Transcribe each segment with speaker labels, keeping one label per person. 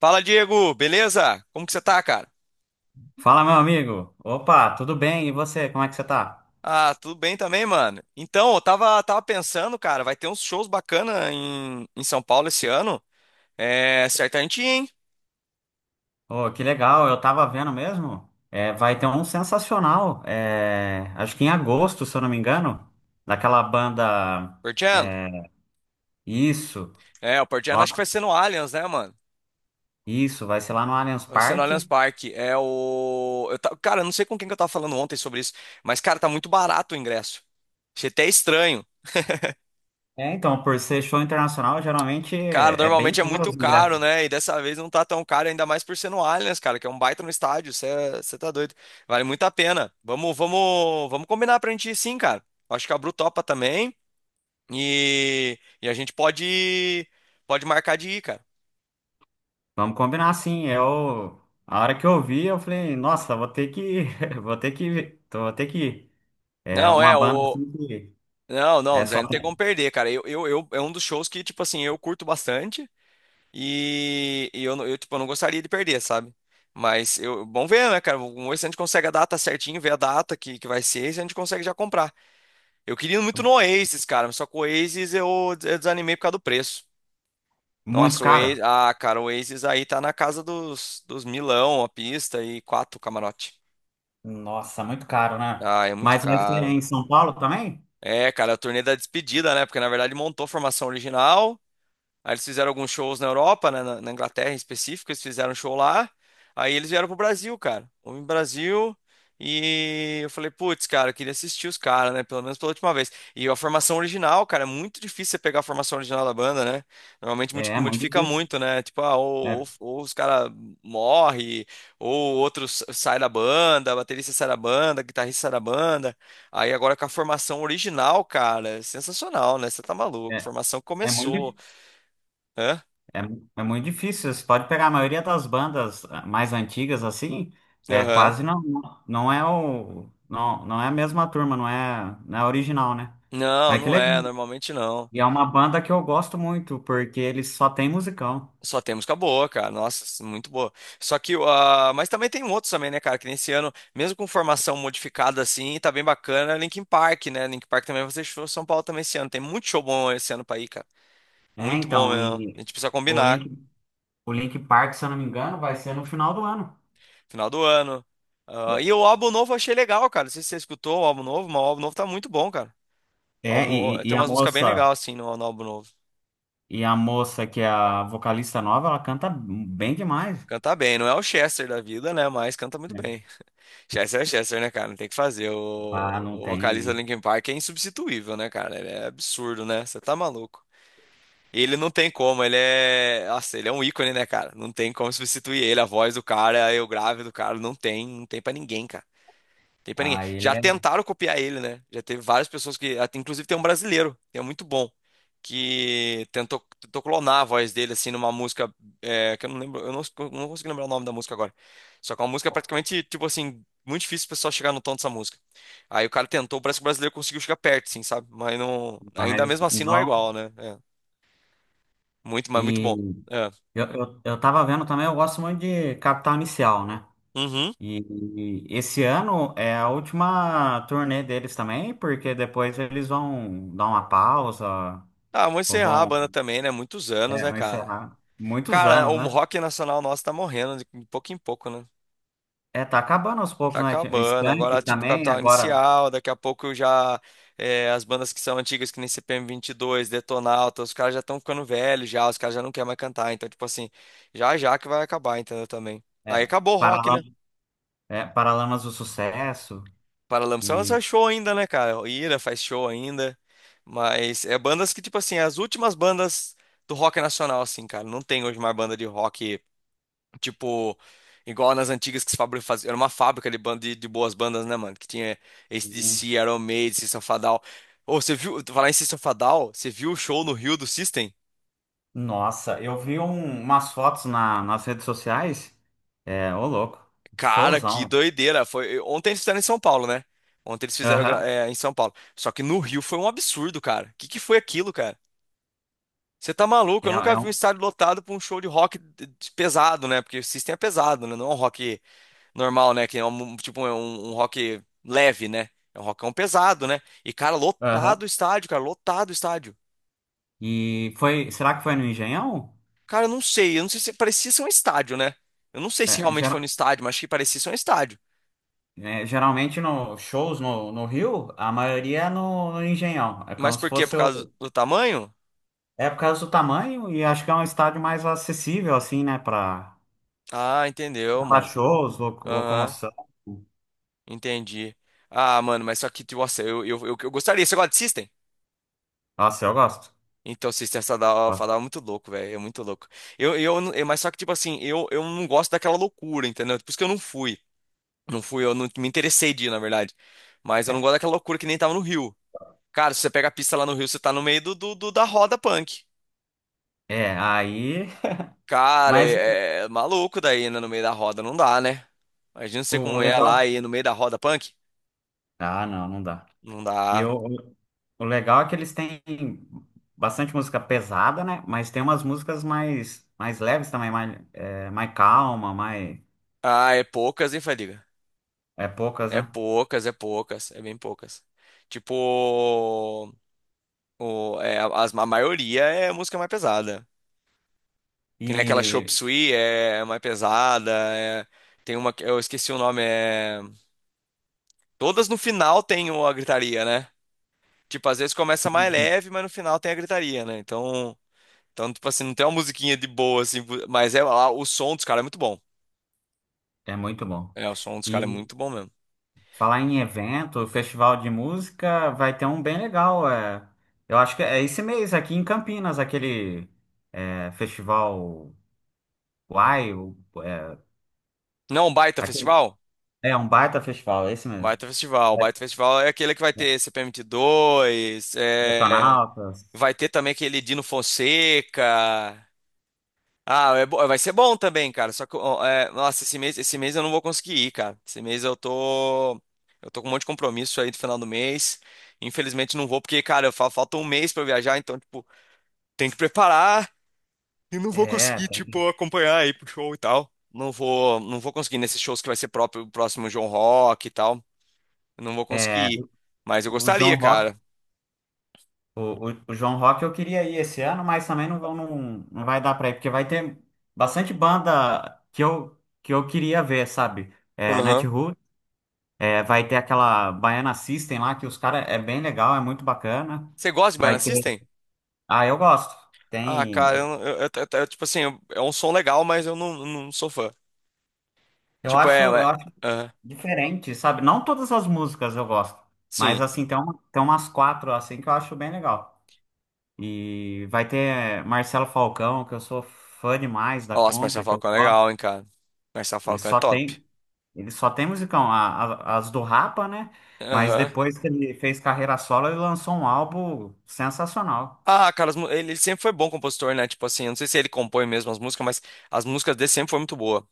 Speaker 1: Fala, Diego, beleza? Como que você tá, cara?
Speaker 2: Fala, meu amigo. Opa, tudo bem? E você, como é que você tá?
Speaker 1: Ah, tudo bem também, mano. Então, eu tava pensando, cara, vai ter uns shows bacana em São Paulo esse ano. É, certamente, hein?
Speaker 2: Oh, que legal, eu tava vendo mesmo. É, vai ter um sensacional, acho que em agosto, se eu não me engano, daquela banda.
Speaker 1: Portiano.
Speaker 2: É, isso,
Speaker 1: É, o Portiano acho que
Speaker 2: nossa,
Speaker 1: vai ser no Allianz, né, mano?
Speaker 2: isso, vai ser lá no Allianz
Speaker 1: Vai ser no Allianz
Speaker 2: Parque.
Speaker 1: Parque. Cara, eu não sei com quem que eu tava falando ontem sobre isso, mas, cara, tá muito barato o ingresso. Achei até estranho.
Speaker 2: É, então, por ser show internacional, geralmente
Speaker 1: Cara,
Speaker 2: é bem
Speaker 1: normalmente é
Speaker 2: caro
Speaker 1: muito
Speaker 2: os ingressos.
Speaker 1: caro, né? E dessa vez não tá tão caro, ainda mais por ser no Allianz, cara, que é um baita no estádio. Você tá doido. Vale muito a pena. Vamos combinar pra gente ir sim, cara. Acho que a Bru topa também. E a gente pode marcar de ir, cara.
Speaker 2: Vamos combinar assim, eu. A hora que eu vi, eu falei, nossa, vou ter que. Vou ter que. Vou ter que ir. É
Speaker 1: Não,
Speaker 2: uma
Speaker 1: é,
Speaker 2: banda
Speaker 1: o.
Speaker 2: assim que.
Speaker 1: Não,
Speaker 2: É
Speaker 1: não, Zé,
Speaker 2: só.
Speaker 1: não tem como perder, cara. É um dos shows que, tipo assim, eu curto bastante. E eu, eu, tipo, eu não gostaria de perder, sabe? Mas eu, bom ver, né, cara? Vamos ver se a gente consegue a data certinho, ver a data que vai ser e se a gente consegue já comprar. Eu queria muito no Oasis, cara, mas só que o Oasis eu desanimei por causa do preço.
Speaker 2: Muito
Speaker 1: Nossa, o
Speaker 2: caro?
Speaker 1: Oasis, ah, cara, o Oasis aí tá na casa dos milão a pista e quatro camarote.
Speaker 2: Nossa, muito caro, né?
Speaker 1: Ah, é muito
Speaker 2: Mas esse é
Speaker 1: caro.
Speaker 2: em São Paulo também?
Speaker 1: É, cara, a turnê da despedida, né? Porque na verdade montou a formação original. Aí eles fizeram alguns shows na Europa, né, na Inglaterra em específico, eles fizeram um show lá. Aí eles vieram pro Brasil, cara. Fomos no Brasil e eu falei, putz, cara, eu queria assistir os caras, né? Pelo menos pela última vez. E a formação original, cara, é muito difícil você pegar a formação original da banda, né? Normalmente
Speaker 2: É, é muito
Speaker 1: modifica
Speaker 2: difícil.
Speaker 1: muito, né? Tipo, ah, ou,
Speaker 2: É,
Speaker 1: ou- ou os caras morrem, ou outros sai da banda, baterista sai da banda, guitarrista sai da banda. Aí agora com a formação original, cara, é sensacional, né? Você tá maluco.
Speaker 2: é,
Speaker 1: Formação
Speaker 2: é muito,
Speaker 1: começou.
Speaker 2: di-
Speaker 1: Hã?
Speaker 2: é, é muito difícil. Você pode pegar a maioria das bandas, ah, mais antigas assim, é
Speaker 1: Aham.
Speaker 2: quase não, não, não é a mesma turma, não é, não é a original, né?
Speaker 1: Não,
Speaker 2: Mas que
Speaker 1: não é,
Speaker 2: legal.
Speaker 1: normalmente não.
Speaker 2: E é uma banda que eu gosto muito, porque eles só tem musicão.
Speaker 1: Só tem música boa, cara. Nossa, muito boa. Só que, ah, mas também tem outros também, né, cara? Que nesse ano, mesmo com formação modificada assim, tá bem bacana. Linkin Park, né? Linkin Park também vai fazer show em São Paulo também esse ano. Tem muito show bom esse ano pra ir, cara.
Speaker 2: É,
Speaker 1: Muito bom
Speaker 2: então,
Speaker 1: mesmo. A gente precisa
Speaker 2: o
Speaker 1: combinar.
Speaker 2: Link, o Link Park, se eu não me engano, vai ser no final do ano.
Speaker 1: Final do ano. Ah, e o álbum novo eu achei legal, cara. Não sei se você escutou o álbum novo, mas o álbum novo tá muito bom, cara. O
Speaker 2: É,
Speaker 1: álbum-
Speaker 2: e, e
Speaker 1: tem
Speaker 2: e a
Speaker 1: umas músicas bem
Speaker 2: moça.
Speaker 1: legais, assim, no álbum novo.
Speaker 2: E a moça que é a vocalista nova, ela canta bem demais.
Speaker 1: Canta bem. Não é o Chester da vida, né? Mas canta muito
Speaker 2: Né?
Speaker 1: bem. Chester é Chester, né, cara? Não tem o que fazer.
Speaker 2: Ah,
Speaker 1: O,
Speaker 2: não
Speaker 1: o vocalista do
Speaker 2: tem.
Speaker 1: Linkin Park é insubstituível, né, cara? Ele é absurdo, né? Você tá maluco. E ele não tem como, ele é. Nossa, ele é um ícone, né, cara? Não tem como substituir ele. A voz do cara, eu grave do cara, não tem, não tem pra ninguém, cara. Tem pra ninguém.
Speaker 2: Ah, ele
Speaker 1: Já
Speaker 2: é
Speaker 1: tentaram copiar ele, né? Já teve várias pessoas que. Inclusive tem um brasileiro, que é muito bom, que tentou clonar a voz dele, assim, numa música. É, que eu não lembro. Eu não consigo lembrar o nome da música agora. Só que é uma música praticamente, tipo assim, muito difícil o pessoal chegar no tom dessa música. Aí o cara tentou, parece que o brasileiro conseguiu chegar perto, assim, sabe? Mas não. Ainda
Speaker 2: demais.
Speaker 1: mesmo assim não é
Speaker 2: Não.
Speaker 1: igual, né? É. Muito, mas muito
Speaker 2: E
Speaker 1: bom. É.
Speaker 2: eu tava vendo também, eu gosto muito de Capital Inicial, né?
Speaker 1: Uhum.
Speaker 2: E, e esse ano é a última turnê deles também, porque depois eles vão dar uma pausa,
Speaker 1: Ah, vamos
Speaker 2: ou
Speaker 1: encerrar a
Speaker 2: vão,
Speaker 1: banda também, né? Muitos anos,
Speaker 2: é,
Speaker 1: né,
Speaker 2: vão
Speaker 1: cara?
Speaker 2: encerrar muitos
Speaker 1: Cara, o
Speaker 2: anos, né?
Speaker 1: rock nacional nosso tá morrendo de pouco em pouco, né?
Speaker 2: É, tá acabando aos
Speaker 1: Tá
Speaker 2: poucos, né? Tinha
Speaker 1: acabando.
Speaker 2: Skank
Speaker 1: Agora, tipo,
Speaker 2: também,
Speaker 1: Capital
Speaker 2: agora,
Speaker 1: Inicial, daqui a pouco já é, as bandas que são antigas, que nem CPM dois Detonauta, os caras já estão ficando velhos já, os caras já não querem mais cantar. Então, tipo assim, já que vai acabar, entendeu? Também. Aí
Speaker 2: é,
Speaker 1: acabou o rock, né?
Speaker 2: Paralamas, é, Paralamas do Sucesso.
Speaker 1: Paralamas só lança
Speaker 2: E,
Speaker 1: show ainda, né, cara? O Ira faz show ainda. Mas é bandas que, tipo assim, as últimas bandas do rock nacional, assim, cara. Não tem hoje mais banda de rock tipo, igual nas antigas que se fazia. Era uma fábrica de boas bandas, né, mano? Que tinha AC/DC, Iron Maiden, System of a Down. Ô, você viu, falar em System of a Down, você viu o show no Rio do System?
Speaker 2: nossa, eu vi um- umas fotos na- nas redes sociais. É, ô louco.
Speaker 1: Cara, que
Speaker 2: Showzão.
Speaker 1: doideira. Foi, ontem eles fizeram em São Paulo, né? Ontem eles fizeram
Speaker 2: Aham.
Speaker 1: em São Paulo. Só que no Rio foi um absurdo, cara. O que que foi aquilo, cara? Você tá maluco?
Speaker 2: É,
Speaker 1: Eu nunca
Speaker 2: é
Speaker 1: vi um
Speaker 2: um.
Speaker 1: estádio lotado pra um show de rock pesado, né? Porque o System é pesado, né? Não é um rock normal, né? Que é um, tipo é um rock leve, né? É um rockão pesado, né? E, cara,
Speaker 2: Aham.
Speaker 1: lotado o estádio, cara, lotado o estádio.
Speaker 2: E foi. Será que foi no Engenhão?
Speaker 1: Cara, eu não sei se parecia ser um estádio, né? Eu não sei
Speaker 2: É,
Speaker 1: se realmente foi no
Speaker 2: gera-
Speaker 1: estádio, mas achei que parecia ser um estádio.
Speaker 2: é, geralmente no shows no, no Rio, a maioria é no, no Engenhão. É
Speaker 1: Mas
Speaker 2: como se
Speaker 1: por quê? Por
Speaker 2: fosse
Speaker 1: causa
Speaker 2: o.
Speaker 1: do tamanho?
Speaker 2: É por causa do tamanho e acho que é um estádio mais acessível, assim, né? Pra,
Speaker 1: Ah, entendeu,
Speaker 2: pra
Speaker 1: mano.
Speaker 2: shows, lo-
Speaker 1: Aham,
Speaker 2: locomoção.
Speaker 1: entendi. Ah, mano, mas só que, tipo, nossa, eu gostaria. Você gosta de System?
Speaker 2: Nossa, eu gosto.
Speaker 1: Então, System Sadal
Speaker 2: Gosto.
Speaker 1: falava muito louco, velho. É muito louco. Eu, não- eu- mas só que, tipo assim, eu não gosto daquela loucura, entendeu? Por isso que eu não fui. Não fui, eu não me interessei de ir, na verdade. Mas eu não gosto daquela loucura que nem tava no Rio. Cara, se você pega a pista lá no Rio, você tá no meio da roda punk.
Speaker 2: É, aí.
Speaker 1: Cara,
Speaker 2: Mas
Speaker 1: é maluco daí, né? No meio da roda, não dá, né? Imagina você
Speaker 2: o
Speaker 1: como é
Speaker 2: legal.
Speaker 1: lá e no meio da roda punk.
Speaker 2: Ah, não, não dá.
Speaker 1: Não
Speaker 2: E
Speaker 1: dá.
Speaker 2: o legal é que eles têm bastante música pesada, né? Mas tem umas músicas mais, mais leves também, mais, é, mais calma, mais
Speaker 1: Ah, é poucas, hein, Fadiga?
Speaker 2: é, poucas,
Speaker 1: É
Speaker 2: né?
Speaker 1: poucas, é poucas, é bem poucas. Tipo, a maioria é música mais pesada. Que nem aquela Chop
Speaker 2: E
Speaker 1: Suey é mais pesada. é- tem uma que eu esqueci o nome, é. Todas no final tem a gritaria, né? Tipo, às vezes começa mais leve, mas no final tem a gritaria, né? Então tipo assim, não tem uma musiquinha de boa, assim, mas é lá, o som dos caras é muito bom.
Speaker 2: é muito bom.
Speaker 1: É, o som dos caras é
Speaker 2: E
Speaker 1: muito bom mesmo.
Speaker 2: falar em evento, festival de música, vai ter um bem legal. É, eu acho que é esse mês aqui em Campinas, aquele é, festival. Uai, o- é,
Speaker 1: Não, o Baita
Speaker 2: aquele,
Speaker 1: Festival?
Speaker 2: é um baita festival, é esse
Speaker 1: Um
Speaker 2: mesmo.
Speaker 1: Baita Festival. Um
Speaker 2: Vai-
Speaker 1: Baita Festival é aquele que vai ter C P M T dois
Speaker 2: Detonautas.
Speaker 1: vai ter também aquele Dino Fonseca. Ah, vai ser bom também, cara. Só que, ó, é, nossa, esse mês eu não vou conseguir ir, cara. Esse mês eu tô com um monte de compromisso aí do final do mês. Infelizmente não vou porque, cara, falta um mês pra eu viajar, então, tipo, tem que preparar e não vou
Speaker 2: É,
Speaker 1: conseguir,
Speaker 2: tem-
Speaker 1: tipo, acompanhar aí pro show e tal. Não vou conseguir nesses shows que vai ser próprio, o próximo João Rock e tal. Eu não vou
Speaker 2: é,
Speaker 1: conseguir ir. Mas eu
Speaker 2: o João
Speaker 1: gostaria,
Speaker 2: Rock,
Speaker 1: cara.
Speaker 2: o, o João Rock eu queria ir esse ano, mas também não, vão- não, não vai dar pra ir, porque vai ter bastante banda que que eu queria ver, sabe? É,
Speaker 1: Aham.
Speaker 2: Natiruts, é, vai ter aquela Baiana System lá, que os caras é bem legal, é muito bacana.
Speaker 1: Você gosta de Baiana
Speaker 2: Vai ter.
Speaker 1: System?
Speaker 2: Ah, eu gosto.
Speaker 1: Ah,
Speaker 2: Tem.
Speaker 1: cara, tipo assim, é um som legal, mas eu não sou fã. Tipo, é,
Speaker 2: Eu
Speaker 1: ué,
Speaker 2: acho
Speaker 1: aham,
Speaker 2: diferente, sabe? Não todas as músicas eu gosto, mas
Speaker 1: sim.
Speaker 2: assim, tem, uma, tem umas quatro assim que eu acho bem legal. E vai ter Marcelo Falcão, que eu sou fã demais da
Speaker 1: Nossa,
Speaker 2: conta,
Speaker 1: Marcelo
Speaker 2: que eu
Speaker 1: Falcão é
Speaker 2: gosto.
Speaker 1: legal, hein, cara. Marcelo
Speaker 2: Ele
Speaker 1: Falcão é
Speaker 2: só
Speaker 1: top.
Speaker 2: tem, ele só tem musicão, as do Rapa, né? Mas
Speaker 1: Aham.
Speaker 2: depois que ele fez carreira solo, ele lançou um álbum sensacional.
Speaker 1: Ah, cara, ele sempre foi bom compositor, né? Tipo assim, eu não sei se ele compõe mesmo as músicas, mas as músicas dele sempre foi muito boa.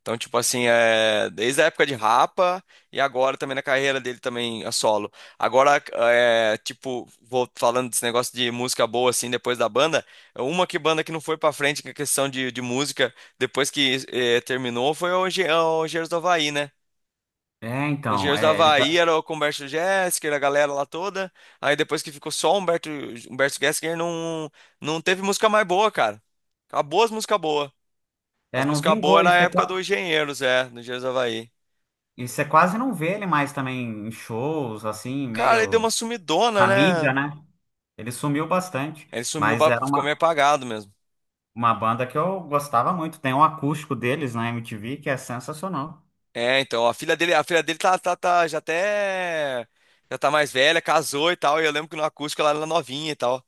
Speaker 1: Então, tipo assim, é, desde a época de Rapa e agora também na carreira dele também a solo. Agora, é, tipo, vou falando desse negócio de música boa assim depois da banda, uma que banda que não foi pra frente com a questão de música depois que terminou foi o Engenheiros do Havaí, né?
Speaker 2: É, então,
Speaker 1: Engenheiros do
Speaker 2: é, ele
Speaker 1: Havaí
Speaker 2: tá-
Speaker 1: era o com o Humberto Gessinger, a galera lá toda. Aí depois que ficou só o Humberto, Humberto Gessinger, não, não teve música mais boa, cara. Acabou as músicas boas. As
Speaker 2: é, não
Speaker 1: músicas boas
Speaker 2: vingou.
Speaker 1: era
Speaker 2: E
Speaker 1: a
Speaker 2: você,
Speaker 1: época
Speaker 2: qua-
Speaker 1: do Engenheiros, é, do Engenheiros do Havaí.
Speaker 2: e você quase não vê ele mais também em shows, assim,
Speaker 1: Cara, ele deu uma
Speaker 2: meio
Speaker 1: sumidona,
Speaker 2: na mídia,
Speaker 1: né?
Speaker 2: né? Ele sumiu bastante,
Speaker 1: Ele sumiu,
Speaker 2: mas era
Speaker 1: ficou meio apagado mesmo.
Speaker 2: uma banda que eu gostava muito. Tem um acústico deles na MTV que é sensacional.
Speaker 1: É, então, a filha dele já tá mais velha, casou e tal. E eu lembro que no acústico ela era novinha e tal.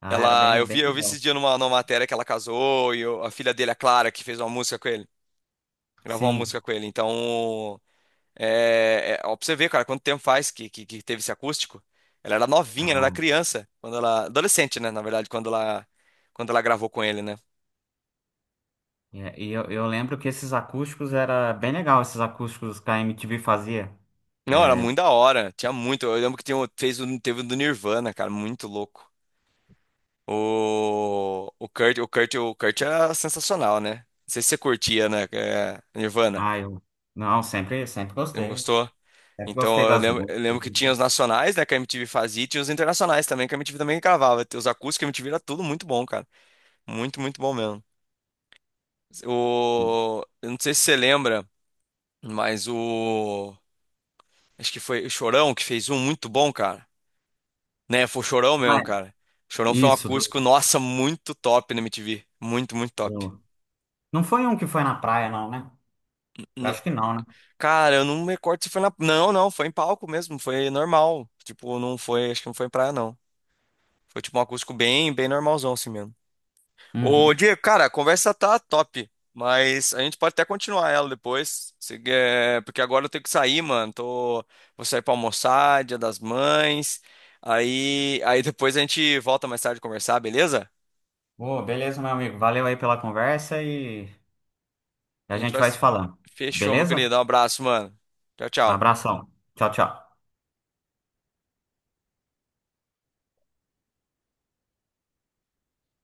Speaker 2: Ah, era
Speaker 1: Ela,
Speaker 2: bem,
Speaker 1: eu
Speaker 2: bem
Speaker 1: vi, eu vi esses
Speaker 2: legal.
Speaker 1: dias numa matéria que ela casou e a filha dele, a Clara, que fez uma música com ele. Gravou uma
Speaker 2: Sim.
Speaker 1: música com ele. Então, ó, pra você ver, cara, quanto tempo faz que teve esse acústico. Ela era novinha, ela era
Speaker 2: Ah,
Speaker 1: criança, quando ela, adolescente, né, na verdade, quando ela gravou com ele, né?
Speaker 2: e eu lembro que esses acústicos era bem legal, esses acústicos que a MTV fazia.
Speaker 1: Não, era
Speaker 2: É,
Speaker 1: muito da hora, tinha muito. Eu lembro que tinha, um- fez, um- teve um do Nirvana, cara, muito louco. O Kurt era sensacional, né? Não sei se você curtia, né? É, Nirvana.
Speaker 2: ah, eu não, sempre, sempre
Speaker 1: Você não
Speaker 2: gostei.
Speaker 1: gostou?
Speaker 2: Sempre gostei
Speaker 1: Então eu
Speaker 2: das
Speaker 1: lembro,
Speaker 2: músicas.
Speaker 1: eu lembro que tinha os nacionais, né, que a MTV fazia, e tinha os internacionais também, que a MTV também gravava. Os acústicos que a MTV era tudo muito bom, cara. Muito, muito bom mesmo. Eu não sei se você lembra, mas o. Acho que foi o Chorão que fez um muito bom, cara. Né, foi o Chorão
Speaker 2: Ah,
Speaker 1: mesmo,
Speaker 2: é.
Speaker 1: cara. O Chorão foi um
Speaker 2: Isso.
Speaker 1: acústico, nossa, muito top na MTV. Muito, muito top.
Speaker 2: Do- Não foi um que foi na praia, não, né? Eu
Speaker 1: N-
Speaker 2: acho que não, né?
Speaker 1: Cara, eu não me recordo se foi na. Não, não, foi em palco mesmo, foi normal. Tipo, não foi, acho que não foi em praia, não. Foi tipo um acústico bem, bem normalzão assim mesmo. Ô,
Speaker 2: Uhum.
Speaker 1: Diego, cara, a conversa tá top, mas a gente pode até continuar ela depois, se quer- porque agora eu tenho que sair, mano. Tô, vou sair pra almoçar, Dia das Mães. Aí depois a gente volta mais tarde a conversar, beleza?
Speaker 2: Ô, beleza, meu amigo. Valeu aí pela conversa e
Speaker 1: A
Speaker 2: a
Speaker 1: gente
Speaker 2: gente
Speaker 1: vai.
Speaker 2: vai se falando.
Speaker 1: Fechou, meu
Speaker 2: Beleza?
Speaker 1: querido. Um abraço, mano. Tchau,
Speaker 2: Um
Speaker 1: tchau.
Speaker 2: abração. Tchau, tchau.